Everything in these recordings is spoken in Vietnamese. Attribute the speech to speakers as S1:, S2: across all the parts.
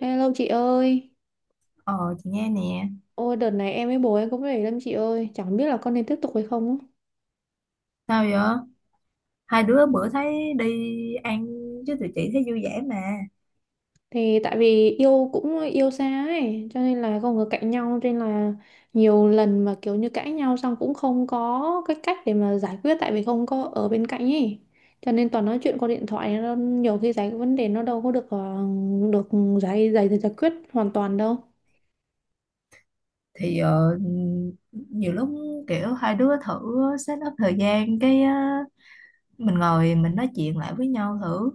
S1: Hello chị ơi,
S2: Ờ, chị nghe nè.
S1: ôi đợt này em với bố em cũng để lắm chị ơi, chẳng biết là con nên tiếp tục hay không á.
S2: Sao vậy? Hai đứa bữa thấy đi ăn chứ tụi chị thấy vui vẻ mà.
S1: Thì tại vì yêu cũng yêu xa ấy, cho nên là không có cạnh nhau, cho nên là nhiều lần mà kiểu như cãi nhau xong cũng không có cái cách để mà giải quyết tại vì không có ở bên cạnh ấy. Cho nên toàn nói chuyện qua điện thoại, nó nhiều khi giải vấn đề nó đâu có được được giải giải giải quyết hoàn toàn đâu.
S2: Thì nhiều lúc kiểu hai đứa thử set up thời gian. Cái mình ngồi mình nói chuyện lại với nhau thử.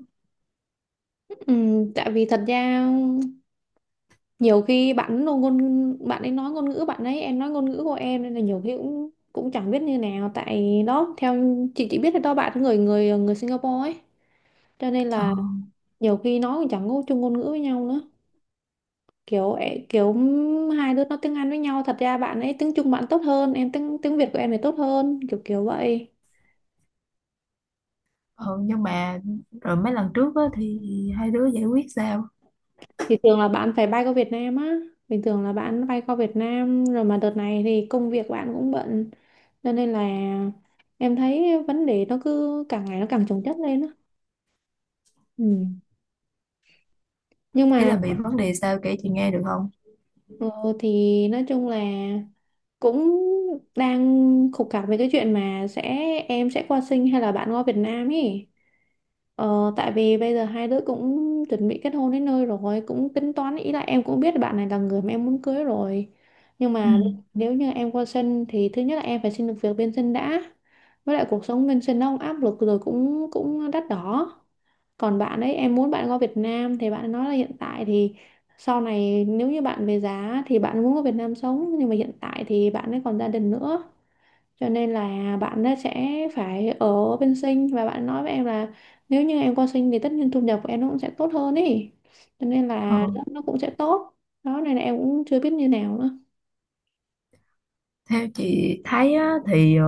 S1: Ừ, tại vì thật ra nhiều khi bạn nó ngôn bạn ấy nói ngôn ngữ bạn ấy, em nói ngôn ngữ của em nên là nhiều khi cũng cũng chẳng biết như nào, tại đó theo chị chỉ biết là đó bạn ấy người người người Singapore ấy, cho nên
S2: Ờ,
S1: là nhiều khi nói cũng chẳng có chung ngôn ngữ với nhau nữa, kiểu hai đứa nói tiếng Anh với nhau, thật ra bạn ấy tiếng Trung bạn tốt hơn em, tiếng tiếng Việt của em thì tốt hơn, kiểu kiểu vậy.
S2: ờ nhưng mà rồi mấy lần trước á, thì hai đứa giải quyết sao?
S1: Thì thường là bạn phải bay qua Việt Nam á. Bình thường là bạn bay qua Việt Nam rồi mà đợt này thì công việc bạn cũng bận. Cho nên là em thấy vấn đề nó cứ càng ngày nó càng chồng chất lên á. Ừ. Nhưng
S2: Ý
S1: mà
S2: là bị vấn đề sao, kể chị nghe được không?
S1: ờ, thì nói chung là cũng đang khúc mắc về cái chuyện mà sẽ em sẽ qua sinh hay là bạn qua Việt Nam ý. Tại vì bây giờ hai đứa cũng chuẩn bị kết hôn đến nơi rồi, cũng tính toán, ý là em cũng biết là bạn này là người mà em muốn cưới rồi, nhưng
S2: Ừ.
S1: mà nếu như em qua sân thì thứ nhất là em phải xin được việc bên sân đã, với lại cuộc sống bên sân nó cũng áp lực rồi cũng cũng đắt đỏ. Còn bạn ấy, em muốn bạn qua Việt Nam thì bạn nói là hiện tại thì sau này nếu như bạn về giá thì bạn muốn qua Việt Nam sống, nhưng mà hiện tại thì bạn ấy còn gia đình nữa, cho nên là bạn ấy sẽ phải ở bên sinh, và bạn nói với em là nếu như em qua sinh thì tất nhiên thu nhập của em nó cũng sẽ tốt hơn ý, cho nên
S2: Ờ.
S1: là nó cũng sẽ tốt. Đó, này là em cũng chưa biết như nào nữa.
S2: Theo chị thấy á, thì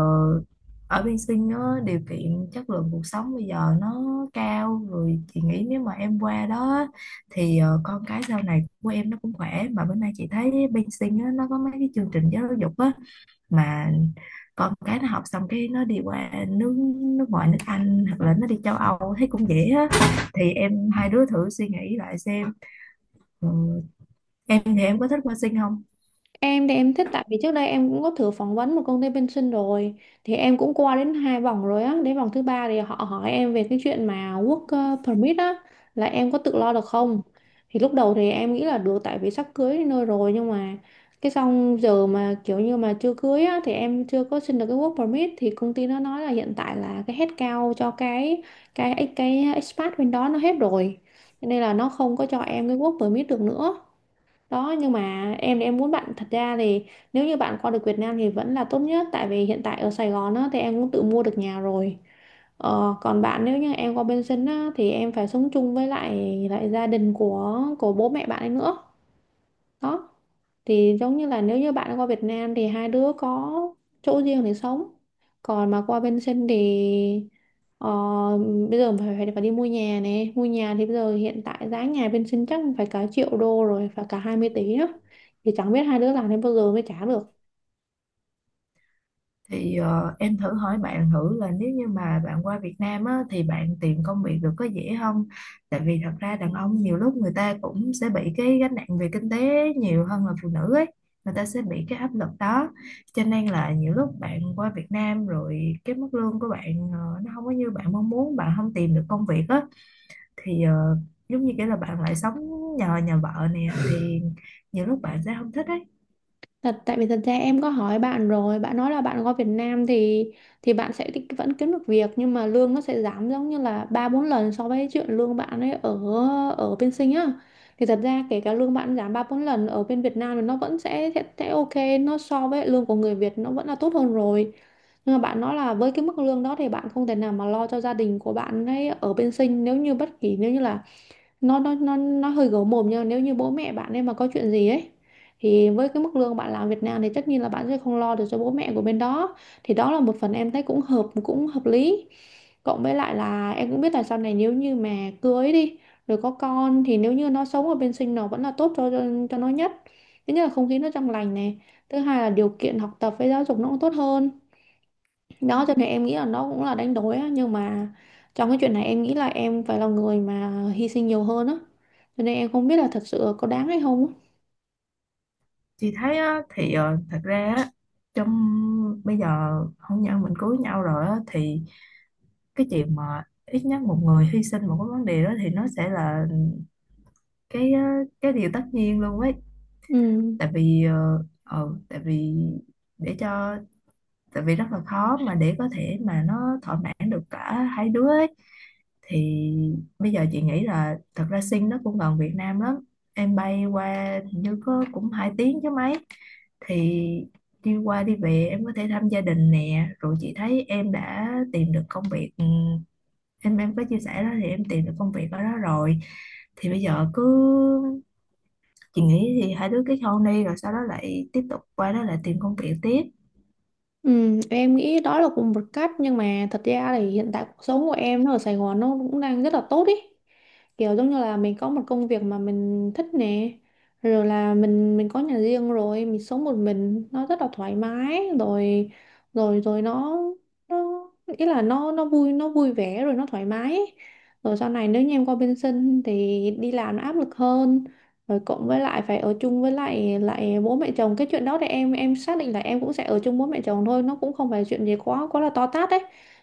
S2: ở bên Sinh á, điều kiện chất lượng cuộc sống bây giờ nó cao rồi. Chị nghĩ nếu mà em qua đó á, thì con cái sau này của em nó cũng khỏe, mà bữa nay chị thấy bên Sinh á, nó có mấy cái chương trình giáo dục á, mà con cái nó học xong cái nó đi qua nước nước ngoài, nước Anh hoặc là nó đi châu Âu thấy cũng dễ á. Thì em hai đứa thử suy nghĩ lại xem. Ừ, em thì em có thích qua Sinh không?
S1: Em thì em thích, tại vì trước đây em cũng có thử phỏng vấn một công ty bên sinh rồi, thì em cũng qua đến hai vòng rồi á, đến vòng thứ ba thì họ hỏi em về cái chuyện mà work permit á, là em có tự lo được không. Thì lúc đầu thì em nghĩ là được, tại vì sắp cưới đến nơi rồi, nhưng mà cái xong giờ mà kiểu như mà chưa cưới á thì em chưa có xin được cái work permit, thì công ty nó nói là hiện tại là cái headcount cho cái expat bên đó nó hết rồi. Cho nên là nó không có cho em cái work permit được nữa. Đó, nhưng mà em thì em muốn bạn, thật ra thì nếu như bạn qua được Việt Nam thì vẫn là tốt nhất, tại vì hiện tại ở Sài Gòn á, thì em cũng tự mua được nhà rồi. Còn bạn, nếu như em qua bên sinh á, thì em phải sống chung với lại lại gia đình của bố mẹ bạn ấy nữa. Đó, thì giống như là nếu như bạn qua Việt Nam thì hai đứa có chỗ riêng để sống, còn mà qua bên sinh thì ờ, bây giờ phải, phải đi mua nhà, này mua nhà thì bây giờ hiện tại giá nhà bên sinh chắc phải cả triệu đô rồi, phải cả 20 tỷ á, thì chẳng biết hai đứa làm đến bao giờ mới trả được.
S2: Thì em thử hỏi bạn thử là nếu như mà bạn qua Việt Nam á, thì bạn tìm công việc được có dễ không? Tại vì thật ra đàn ông nhiều lúc người ta cũng sẽ bị cái gánh nặng về kinh tế nhiều hơn là phụ nữ ấy. Người ta sẽ bị cái áp lực đó. Cho nên là nhiều lúc bạn qua Việt Nam rồi cái mức lương của bạn nó không có như bạn mong muốn, bạn không tìm được công việc á, thì giống như kiểu là bạn lại sống nhờ nhà vợ nè, thì nhiều lúc bạn sẽ không thích ấy.
S1: Thật, tại vì thật ra em có hỏi bạn rồi, bạn nói là bạn qua Việt Nam thì bạn sẽ vẫn kiếm được việc, nhưng mà lương nó sẽ giảm giống như là ba bốn lần so với chuyện lương bạn ấy ở ở bên Sinh á. Thì thật ra kể cả lương bạn giảm ba bốn lần ở bên Việt Nam thì nó vẫn sẽ, sẽ ok, nó so với lương của người Việt nó vẫn là tốt hơn rồi. Nhưng mà bạn nói là với cái mức lương đó thì bạn không thể nào mà lo cho gia đình của bạn ấy ở bên Sinh, nếu như bất kỳ, nếu như là nó hơi gấu mồm, nhưng mà nếu như bố mẹ bạn ấy mà có chuyện gì ấy thì với cái mức lương bạn làm Việt Nam thì tất nhiên là bạn sẽ không lo được cho bố mẹ của bên đó. Thì đó là một phần em thấy cũng hợp lý, cộng với lại là em cũng biết là sau này nếu như mà cưới đi rồi có con thì nếu như nó sống ở bên sinh nó vẫn là tốt cho nó nhất. Thứ nhất là không khí nó trong lành này, thứ hai là điều kiện học tập với giáo dục nó cũng tốt hơn. Đó, cho nên em nghĩ là nó cũng là đánh đổi á, nhưng mà trong cái chuyện này em nghĩ là em phải là người mà hy sinh nhiều hơn á, cho nên em không biết là thật sự có đáng hay không á.
S2: Chị thấy á, thì thật ra á, trong bây giờ hôn nhân mình cưới nhau rồi á, thì cái chuyện mà ít nhất một người hy sinh một cái vấn đề đó thì nó sẽ là cái cái điều tất nhiên luôn ấy.
S1: Ừ.
S2: Tại vì ờ, ờ, tại vì để cho tại vì rất là khó mà để có thể mà nó thỏa mãn được cả hai đứa ấy. Thì bây giờ chị nghĩ là thật ra Sing nó cũng gần Việt Nam lắm, em bay qua hình như có cũng 2 tiếng chứ mấy. Thì đi qua đi về em có thể thăm gia đình nè, rồi chị thấy em đã tìm được công việc, ừ, em có chia sẻ đó thì em tìm được công việc ở đó rồi. Thì bây giờ cứ, chị nghĩ thì hai đứa kết hôn đi rồi sau đó lại tiếp tục qua đó lại tìm công việc tiếp.
S1: Ừ, em nghĩ đó là cũng một cách, nhưng mà thật ra thì hiện tại cuộc sống của em nó ở Sài Gòn nó cũng đang rất là tốt ý, kiểu giống như là mình có một công việc mà mình thích nè, rồi là mình có nhà riêng rồi, mình sống một mình nó rất là thoải mái rồi rồi rồi nó ý là nó vui, nó vui vẻ rồi nó thoải mái. Rồi sau này nếu như em qua bên sinh thì đi làm nó áp lực hơn, rồi cộng với lại phải ở chung với lại lại bố mẹ chồng, cái chuyện đó thì em xác định là em cũng sẽ ở chung bố mẹ chồng thôi, nó cũng không phải chuyện gì quá quá là to tát đấy.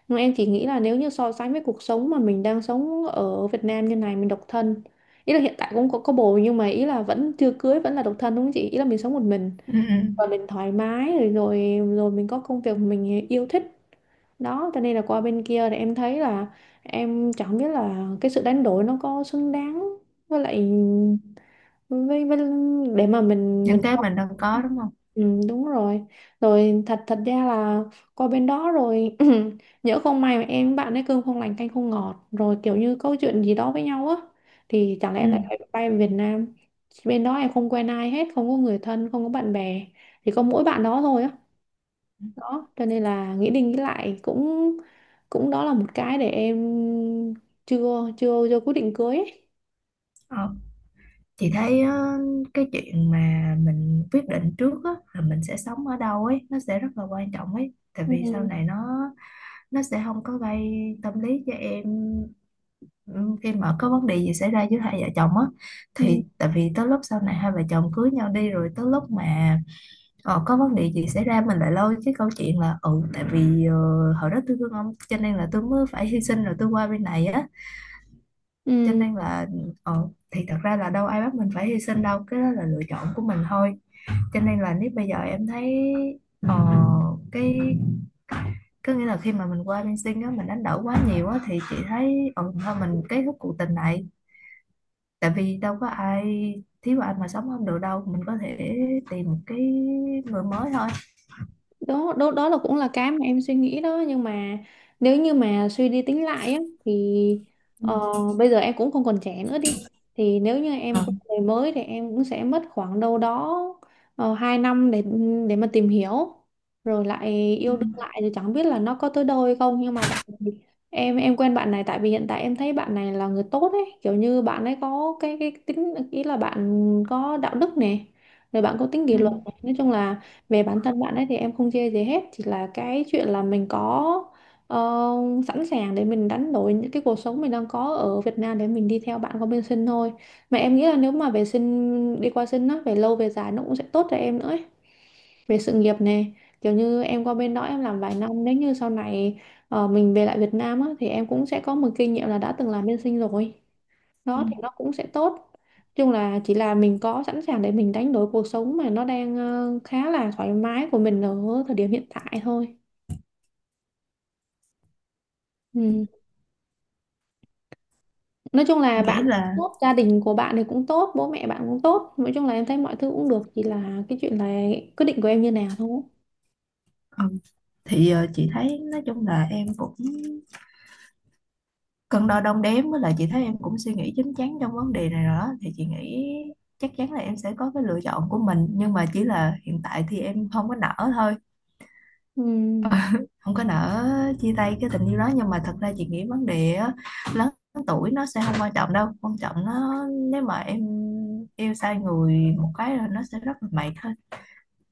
S1: Nhưng em chỉ nghĩ là nếu như so sánh với cuộc sống mà mình đang sống ở Việt Nam như này, mình độc thân, ý là hiện tại cũng có bồ, nhưng mà ý là vẫn chưa cưới, vẫn là độc thân đúng không chị, ý là mình sống một mình
S2: Ừ, ừ.
S1: và mình thoải mái rồi, rồi mình có công việc mình yêu thích. Đó cho nên là qua bên kia thì em thấy là em chẳng biết là cái sự đánh đổi nó có xứng đáng với lại với, để mà mình.
S2: Những cái mình đang có đúng không.
S1: Ừ, đúng rồi, thật thật ra là qua bên đó rồi nhỡ không may mà em với bạn ấy cơm không lành canh không ngọt, rồi kiểu như câu chuyện gì đó với nhau á, thì chẳng lẽ
S2: Ừ.
S1: em lại phải bay về Việt Nam. Bên đó em không quen ai hết, không có người thân, không có bạn bè, chỉ có mỗi bạn đó thôi á. Đó cho nên là nghĩ đi nghĩ lại cũng, đó là một cái để em chưa chưa chưa quyết định cưới ấy.
S2: Ờ. Chị thấy cái chuyện mà mình quyết định trước á, là mình sẽ sống ở đâu ấy, nó sẽ rất là quan trọng ấy. Tại vì sau
S1: Ừ.
S2: này nó sẽ không có gây tâm lý cho em, ừ, khi mà có vấn đề gì xảy ra giữa hai vợ chồng á,
S1: Ừ.
S2: thì tại vì tới lúc sau này hai vợ chồng cưới nhau đi rồi, tới lúc mà có vấn đề gì xảy ra mình lại lôi cái câu chuyện là, ừ, tại vì hồi đó tôi thương ông cho nên là tôi mới phải hy sinh rồi tôi qua bên này á, cho
S1: Ừ.
S2: nên là thì thật ra là đâu ai bắt mình phải hy sinh đâu, cái đó là lựa chọn của mình thôi. Cho nên là nếu bây giờ em thấy ờ, cái, có nghĩa là khi mà mình qua bên Sing á mình đánh đổi quá nhiều á, thì chị thấy thôi mình kết thúc cuộc tình này. Tại vì đâu có ai thiếu anh mà sống không được đâu, mình có thể tìm một cái người mới thôi.
S1: Đó, đó đó là cũng là cái mà em suy nghĩ đó, nhưng mà nếu như mà suy đi tính lại á thì
S2: Ừ.
S1: ờ, bây giờ em cũng không còn trẻ nữa đi, thì nếu như em
S2: Ờ.
S1: quen người mới thì em cũng sẽ mất khoảng đâu đó 2 năm để mà tìm hiểu, rồi lại
S2: Ừ.
S1: yêu đương lại thì chẳng biết là nó có tới đâu hay không, nhưng mà tại vì em quen bạn này, tại vì hiện tại em thấy bạn này là người tốt ấy, kiểu như bạn ấy có cái tính, ý là bạn có đạo đức nè, rồi bạn có tính
S2: Ừ.
S1: kỷ luật này. Nói chung là về bản thân bạn ấy thì em không chê gì hết, chỉ là cái chuyện là mình có ờ, sẵn sàng để mình đánh đổi những cái cuộc sống mình đang có ở Việt Nam để mình đi theo bạn qua bên sinh thôi. Mà em nghĩ là nếu mà về sinh, đi qua sinh á, về lâu về dài nó cũng sẽ tốt cho em nữa ấy. Về sự nghiệp này, kiểu như em qua bên đó em làm vài năm, nếu như sau này mình về lại Việt Nam á thì em cũng sẽ có một kinh nghiệm là đã từng làm bên sinh rồi,
S2: Ừ.
S1: nó thì nó cũng sẽ tốt. Nói chung là chỉ là mình có sẵn sàng để mình đánh đổi cuộc sống mà nó đang khá là thoải mái của mình ở thời điểm hiện tại thôi. Ừ. Nói chung
S2: Chị
S1: là bạn
S2: nghĩ
S1: cũng
S2: là
S1: tốt, gia đình của bạn thì cũng tốt, bố mẹ bạn cũng tốt, nói chung là em thấy mọi thứ cũng được, chỉ là cái chuyện là quyết định của em như nào thôi.
S2: ờ, thì chị thấy nói chung là em cũng cân đo đong đếm, với lại chị thấy em cũng suy nghĩ chín chắn trong vấn đề này rồi đó. Thì chị nghĩ chắc chắn là em sẽ có cái lựa chọn của mình, nhưng mà chỉ là hiện tại thì em không có nỡ thôi.
S1: Ừ.
S2: Không có nỡ chia tay cái tình yêu đó. Nhưng mà thật ra chị nghĩ vấn đề á, lớn tuổi nó sẽ không quan trọng đâu, quan trọng nó, nếu mà em yêu sai người một cái là nó sẽ rất là mệt.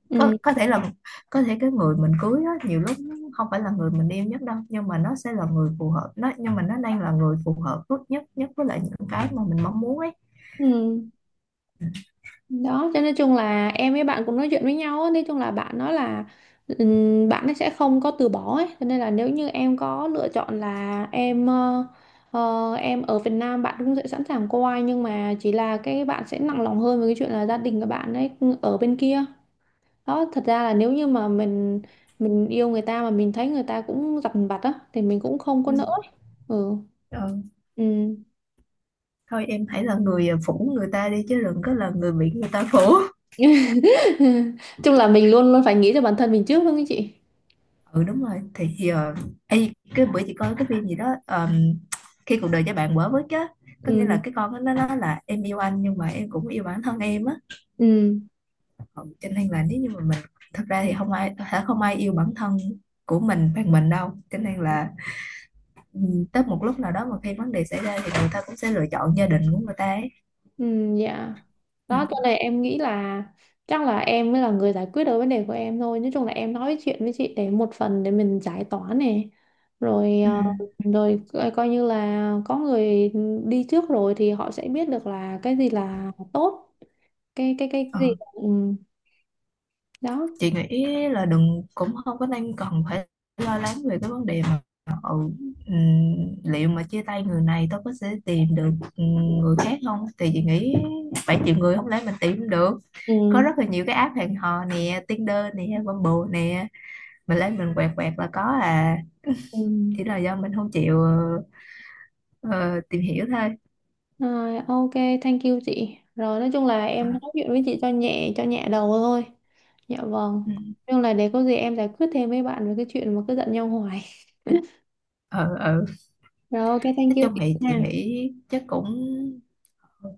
S1: Ừ.
S2: Có có thể là có thể cái người mình cưới á, nhiều lúc nó không phải là người mình yêu nhất đâu, nhưng mà nó sẽ là người phù hợp. Nó, nhưng mà nó đang là người phù hợp nhất nhất với lại những cái mà mình mong muốn ấy.
S1: Ừ. Đó cho nên chung là em với bạn cũng nói chuyện với nhau á, nói chung là bạn nói là bạn ấy sẽ không có từ bỏ ấy, cho nên là nếu như em có lựa chọn là em, em ở Việt Nam bạn cũng sẽ sẵn sàng qua, nhưng mà chỉ là cái bạn sẽ nặng lòng hơn với cái chuyện là gia đình của bạn ấy, ở bên kia. Đó thật ra là nếu như mà mình yêu người ta mà mình thấy người ta cũng dằn vặt á thì mình cũng không có
S2: Ừ.
S1: nỡ ấy. Ừ.
S2: Ờ,
S1: Ừ.
S2: thôi em hãy là người phủ người ta đi, chứ đừng có là người bị người ta phủ.
S1: Chung là mình luôn luôn phải nghĩ cho bản thân mình trước đúng không chị.
S2: Ừ, đúng rồi. Thì giờ, ê, cái bữa chị coi cái phim gì đó, khi cuộc đời cho bạn quả với chứ, có nghĩa là
S1: Ừ.
S2: cái con nó nói là em yêu anh nhưng mà em cũng yêu bản thân em á.
S1: Ừ.
S2: Ừ, cho nên là nếu như mà mình, thật ra thì không ai yêu bản thân của mình bằng mình đâu. Cho nên là, ừ, tới một lúc nào đó mà khi vấn đề xảy ra thì người ta cũng sẽ lựa chọn gia đình của người ta ấy.
S1: Ừ, dạ.
S2: Ừ.
S1: Đó cho nên em nghĩ là chắc là em mới là người giải quyết được vấn đề của em thôi, nói chung là em nói chuyện với chị để một phần để mình giải tỏa này, rồi
S2: Ừ.
S1: rồi coi coi như là có người đi trước rồi thì họ sẽ biết được là cái gì là tốt, cái gì
S2: Ờ,
S1: là- ừ, đó.
S2: chị nghĩ là đừng, cũng không có nên cần phải lo lắng về cái vấn đề mà, ừ, ừ, liệu mà chia tay người này tôi có sẽ tìm được, ừ, người khác không. Thì chị nghĩ, 7 triệu người không lẽ mình tìm được.
S1: Ừ.
S2: Có rất là nhiều cái app hẹn hò nè, Tinder nè, Bumble nè, mình lấy mình quẹt quẹt là có à.
S1: Ừ.
S2: Chỉ là do mình không chịu ờ, tìm hiểu thôi.
S1: Rồi ok, thank you chị, rồi nói chung là em nói
S2: À,
S1: chuyện với chị cho nhẹ, đầu thôi. Dạ vâng.
S2: ừ,
S1: Nhưng là để có gì em giải quyết thêm với bạn về cái chuyện mà cứ giận nhau hoài.
S2: ừ, ừ.
S1: Rồi ok, thank
S2: Nói
S1: you
S2: chung
S1: chị
S2: thì chị
S1: nha.
S2: nghĩ chắc cũng, ừ,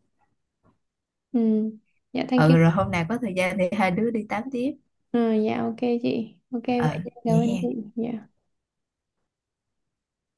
S1: Ừ. Dạ thank you.
S2: ừ, rồi hôm nào có thời gian thì hai đứa đi tám tiếp.
S1: Ừ, dạ ok chị. Ok vậy
S2: Ờ,
S1: chị, cảm
S2: vậy
S1: ơn chị.
S2: hen.
S1: Dạ.